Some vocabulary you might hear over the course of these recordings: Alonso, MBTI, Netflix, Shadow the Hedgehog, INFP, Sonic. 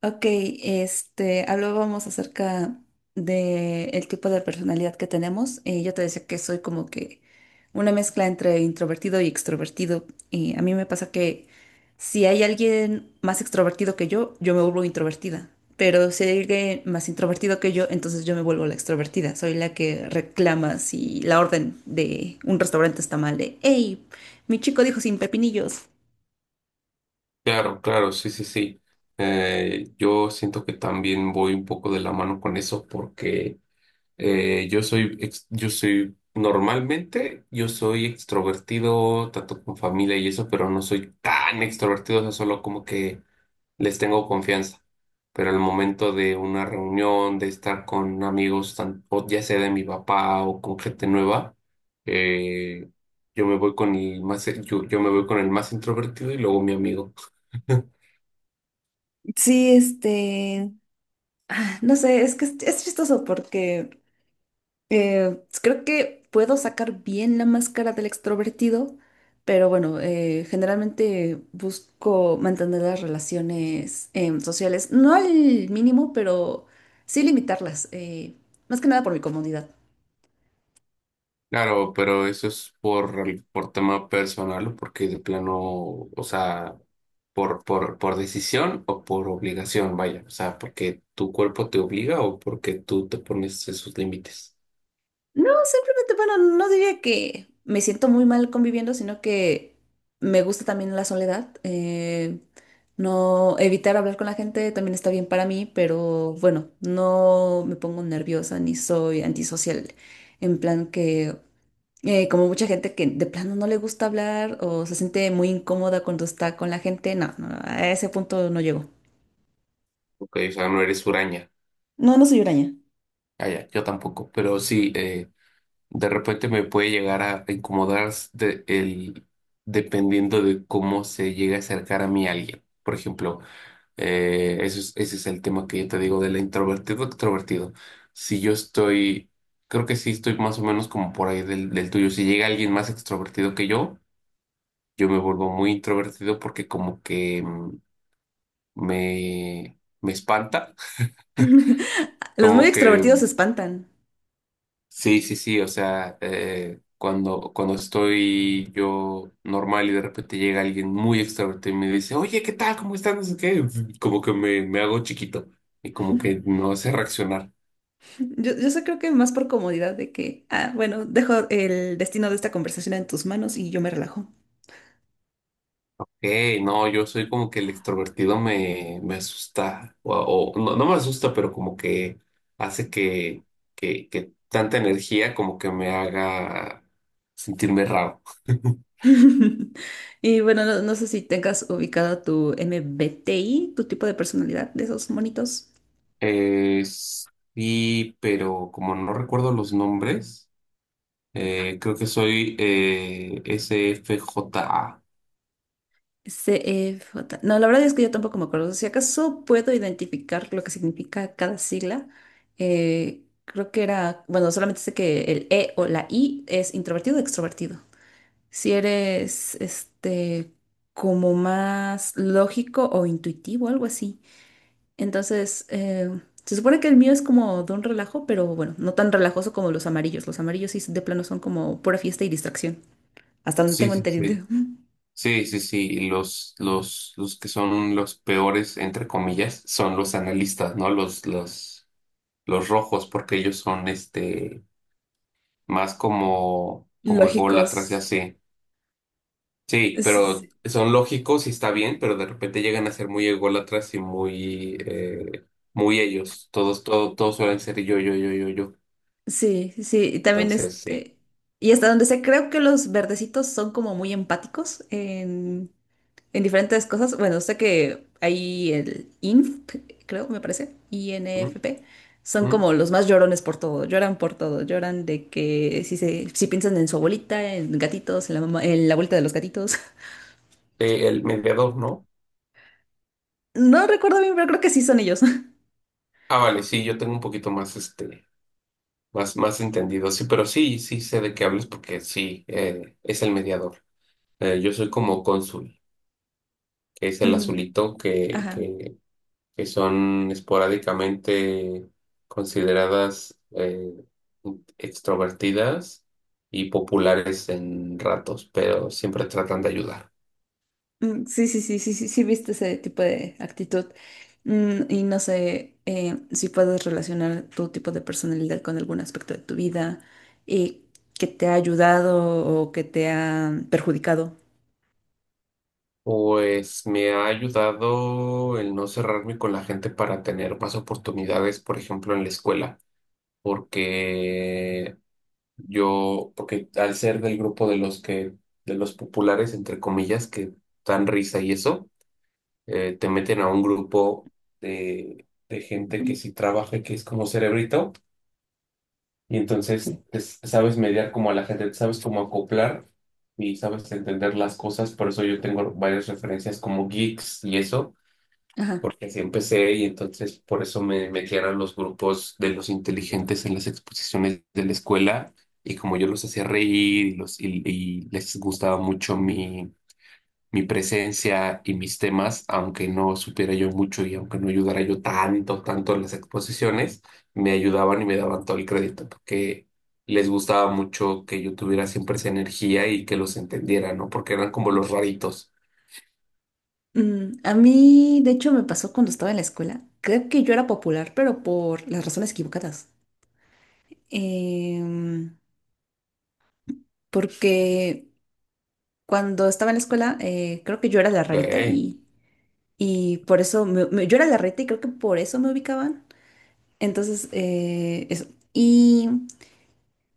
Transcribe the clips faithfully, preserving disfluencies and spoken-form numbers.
Ok, este, hablábamos acerca de el tipo de personalidad que tenemos. Eh, yo te decía que soy como que una mezcla entre introvertido y extrovertido. Y a mí me pasa que si hay alguien más extrovertido que yo, yo me vuelvo introvertida. Pero si hay alguien más introvertido que yo, entonces yo me vuelvo la extrovertida. Soy la que reclama si la orden de un restaurante está mal de, hey, mi chico dijo sin pepinillos. Claro, claro, sí, sí, sí. Eh, yo siento que también voy un poco de la mano con eso porque eh, yo soy, ex- yo soy, normalmente yo soy extrovertido, tanto con familia y eso, pero no soy tan extrovertido, o sea, solo como que les tengo confianza. Pero al momento de una reunión, de estar con amigos, tan- o ya sea de mi papá o con gente nueva, eh, yo me voy con el más, yo yo me voy con el más introvertido y luego mi amigo. Sí, este. No sé, es que es, es chistoso porque eh, creo que puedo sacar bien la máscara del extrovertido, pero bueno, eh, generalmente busco mantener las relaciones em, sociales, no al mínimo, pero sí limitarlas, eh, más que nada por mi comodidad. Claro, pero eso es por, el- por tema personal, o porque de plano, o sea, por, por, por decisión o por obligación, vaya, o sea, porque tu cuerpo te obliga o porque tú te pones esos límites. No, simplemente, bueno, no diría que me siento muy mal conviviendo, sino que me gusta también la soledad. Eh, no evitar hablar con la gente también está bien para mí, pero bueno, no me pongo nerviosa ni soy antisocial. En plan que, eh, como mucha gente que de plano no le gusta hablar o se siente muy incómoda cuando está con la gente, no, no, a ese punto no llego. Ok, o sea, no eres huraña. No, no soy huraña. Ah, ya, yo tampoco, pero sí, eh, de repente me puede llegar a incomodar de, el, dependiendo de cómo se llega a acercar a mí alguien. Por ejemplo, Eh, eso es- ese es el tema que yo te digo del introvertido extrovertido. Si yo estoy, creo que sí estoy más o menos como por ahí del, del tuyo. Si llega alguien más extrovertido que yo, yo me vuelvo muy introvertido porque como que mm, me, me espanta. Los muy Como que extrovertidos se espantan. sí, sí, sí. O sea, eh, cuando, cuando estoy yo normal y de repente llega alguien muy extrovertido y me dice, oye, ¿qué tal? ¿Cómo estás? No sé qué. Como que me, me hago chiquito y como que no sé reaccionar. Yo, yo sé, creo que más por comodidad de que, ah, bueno, dejo el destino de esta conversación en tus manos y yo me relajo. Hey, no, yo soy como que el extrovertido me, me asusta, o, o- no, no me asusta, pero como que hace que, que, que tanta energía como que me haga sentirme raro. Y bueno, no, no sé si tengas ubicado tu M B T I, tu tipo de personalidad de esos monitos. Eh, sí, pero como no recuerdo los nombres, eh, creo que soy eh, S F J A. C CFJ. No, la verdad es que yo tampoco me acuerdo. Si acaso puedo identificar lo que significa cada sigla. Eh, creo que era, bueno, solamente sé que el E o la I es introvertido o extrovertido. Si eres, este, como más lógico o intuitivo, algo así. Entonces, eh, se supone que el mío es como de un relajo, pero bueno, no tan relajoso como los amarillos. Los amarillos sí de plano son como pura fiesta y distracción. Hasta donde Sí, tengo sí, sí. entendido. Sí, sí, sí. Y Los, los, los que son los peores, entre comillas, son los analistas, ¿no? Los, los los rojos, porque ellos son este más como, como ególatras y Lógicos. así. Sí, S- pero son lógicos y está bien, pero de repente llegan a ser muy ególatras y muy, eh, muy ellos. Todos, todo, todos suelen ser yo, yo, yo, yo, yo. Sí, sí, sí, y también Entonces, sí. este. Y hasta donde sé, creo que los verdecitos son como muy empáticos en diferentes cosas. Bueno, sé que ahí el I N F, creo, me parece, ¿Mm? I N F P, son ¿Mm? como los más llorones por todo, lloran por todo, lloran de que si se, si piensan en su abuelita, en gatitos, en la mamá, en la vuelta de los gatitos. Eh, el mediador, ¿no? No recuerdo bien, pero creo que sí son ellos. Ah, vale, sí, yo tengo un poquito más este, más, más entendido. Sí, pero sí, sí sé de qué hablas porque sí, eh, es el mediador. Eh, yo soy como cónsul, que es el Mm, azulito que, ajá. que que son esporádicamente consideradas eh, extrovertidas y populares en ratos, pero siempre tratan de ayudar. Mm, sí, sí, sí, sí, sí, sí, viste ese tipo de actitud. Mm, y no sé eh, si puedes relacionar tu tipo de personalidad con algún aspecto de tu vida y que te ha ayudado o que te ha perjudicado. Pues me ha ayudado el no cerrarme con la gente para tener más oportunidades, por ejemplo, en la escuela, porque yo, porque al ser del grupo de los que, de los populares, entre comillas, que dan risa y eso, eh, te meten a un grupo de, de gente que sí trabaja, que es como cerebrito, y entonces te sabes mediar como a la gente, sabes cómo acoplar y sabes entender las cosas, por eso yo tengo varias referencias como geeks y eso, Ajá. porque así empecé y entonces por eso me metían a los grupos de los inteligentes en las exposiciones de la escuela. Y como yo los hacía reír y, los, y y les gustaba mucho mi mi presencia y mis temas, aunque no supiera yo mucho y aunque no ayudara yo tanto, tanto en las exposiciones, me ayudaban y me daban todo el crédito, porque les gustaba mucho que yo tuviera siempre esa energía y que los entendiera, ¿no? Porque eran como los raritos. Mm, a mí, de hecho, me pasó cuando estaba en la escuela. Creo que yo era popular, pero por las razones equivocadas. Em, Porque cuando estaba en la escuela, eh, creo que yo era la rarita Ok, y, y por eso me- me- yo era la rarita y creo que por eso me ubicaban. Entonces, eh, eso. Y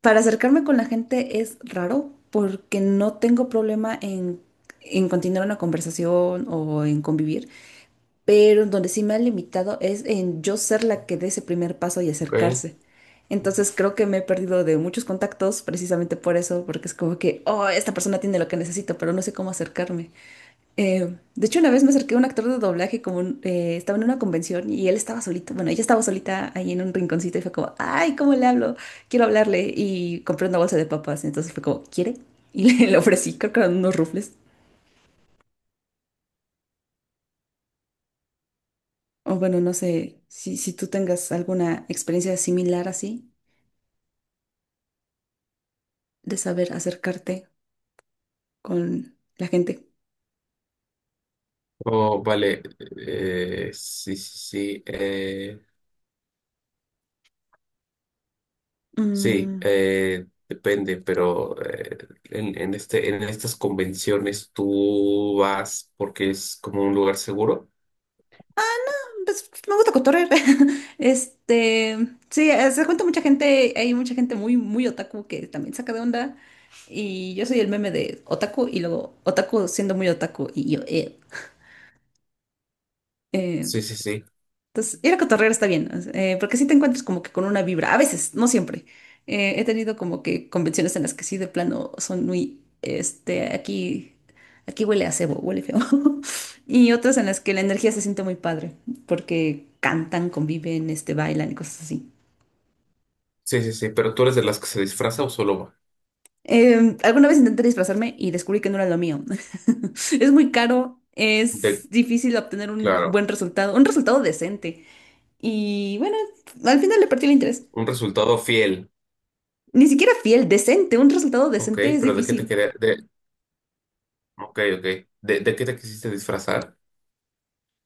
para acercarme con la gente es raro porque no tengo problema en, en continuar una conversación o en convivir, pero donde sí me ha limitado es en yo ser la que dé ese primer paso y ok. acercarse. Entonces creo que me he perdido de muchos contactos precisamente por eso, porque es como que, oh, esta persona tiene lo que necesito, pero no sé cómo acercarme. Eh, de hecho, una vez me acerqué a un actor de doblaje, como eh, estaba en una convención y él estaba solito. Bueno, ella estaba solita ahí en un rinconcito y fue como, ay, ¿cómo le hablo? Quiero hablarle. Y compré una bolsa de papas. Entonces fue como, ¿quiere? Y le, le ofrecí, creo que eran unos rufles. O bueno, no sé si, si tú tengas alguna experiencia similar así de saber acercarte con la gente. Oh, vale. Eh, sí, sí, sí. eh, sí, Mm. eh, depende, pero eh, en, en este, en estas convenciones tú vas porque es como un lugar seguro. Pues, me gusta cotorrear. Este, sí, eh, se cuenta mucha gente, hay mucha gente muy, muy otaku que también saca de onda. Y yo soy el meme de otaku y luego otaku siendo muy otaku. Y yo, eh. eh, Sí, sí, sí. entonces, ir a cotorrear está bien, eh, porque si te encuentras como que con una vibra, a veces, no siempre. Eh, he tenido como que convenciones en las que sí, de plano, son muy, este, aquí, aquí huele a cebo, huele feo. Y otras en las que la energía se siente muy padre, porque cantan, conviven, este, bailan y cosas así. Sí, sí, sí. Pero ¿tú eres de las que se disfraza o solo va? Eh, alguna vez intenté disfrazarme y descubrí que no era lo mío. Es muy caro, De, es difícil obtener un claro, buen resultado, un resultado decente. Y bueno, al final le perdí el interés. un resultado fiel. Ni siquiera fiel, decente. Un resultado Ok, decente es pero ¿de qué te difícil. quería? De, ok, ok. ¿De, de qué te quisiste disfrazar?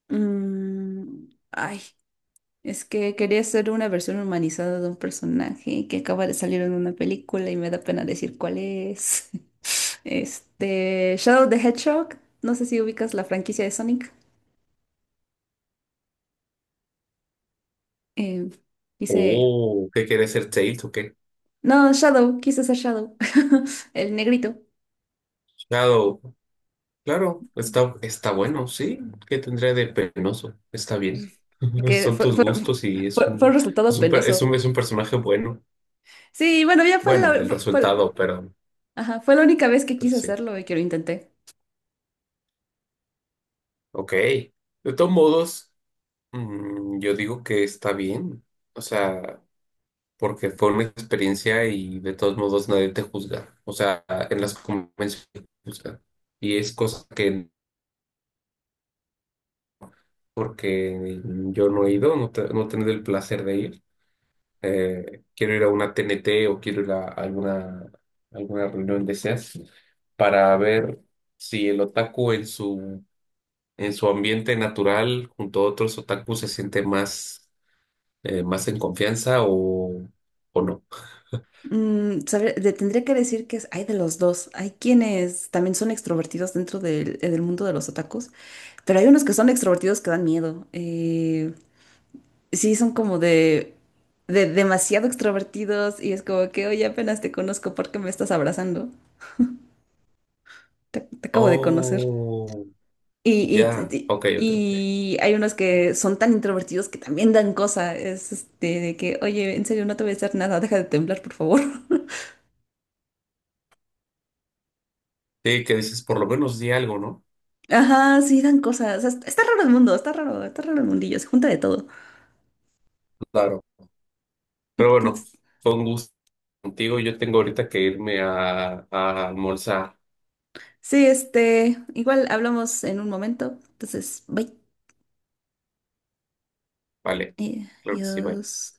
Mm, ay, es que quería hacer una versión humanizada de un personaje que acaba de salir en una película y me da pena decir cuál es. Este, Shadow the Hedgehog. No sé si ubicas la franquicia de Sonic. Eh, Quise... Oh, ¿qué quieres ser Tails o qué? No, Shadow, quise ser Shadow. El negrito. Shadow. Claro, está, está bueno, sí. ¿Qué tendría de penoso? Está bien. Porque Son fue, tus fue, gustos y es fue- fue un un, resultado es un, per- es penoso. un, es un personaje bueno. Sí, bueno, ya fue Bueno, la, el fue, fue- resultado, pero, ajá, fue la única vez que pero quise sí. hacerlo y que lo intenté. Ok. De todos modos. Mm, yo digo que está bien, o sea, porque fue una experiencia y de todos modos nadie te juzga, o sea, en las convenciones te juzgan. Y es cosa que, porque yo no he ido, no, te- no he tenido el placer de ir, eh, quiero ir a una T N T o quiero ir a alguna, alguna reunión de esas para ver si el otaku en su, en su ambiente natural junto a otros otakus se siente más eh, más en confianza o, o no. Mm, sabe- le tendría que decir que es, hay de los dos. Hay quienes también son extrovertidos dentro del, eh, del mundo de los otakus, pero hay unos que son extrovertidos que dan miedo. Eh, sí, son como de, de demasiado extrovertidos y es como que, oye, apenas te conozco porque me estás abrazando. Te, te acabo de conocer. Oh, Y, y, ya, y- ok, ok, ok. y hay unos que son tan introvertidos que también dan cosa. Es este, de que, oye, en serio, no te voy a hacer nada, deja de temblar, por favor. Sí, que dices, por lo menos di algo, ¿no? Ajá, sí, dan cosas. Está, está raro el mundo, está raro, está raro el mundillo, se junta de todo. Claro. Pero bueno, Entonces, fue un gusto contigo. Yo tengo ahorita que irme a, a almorzar. sí, este, igual hablamos en un momento. Entonces, bye. Vale, Eh, claro que sí, bye. Adiós.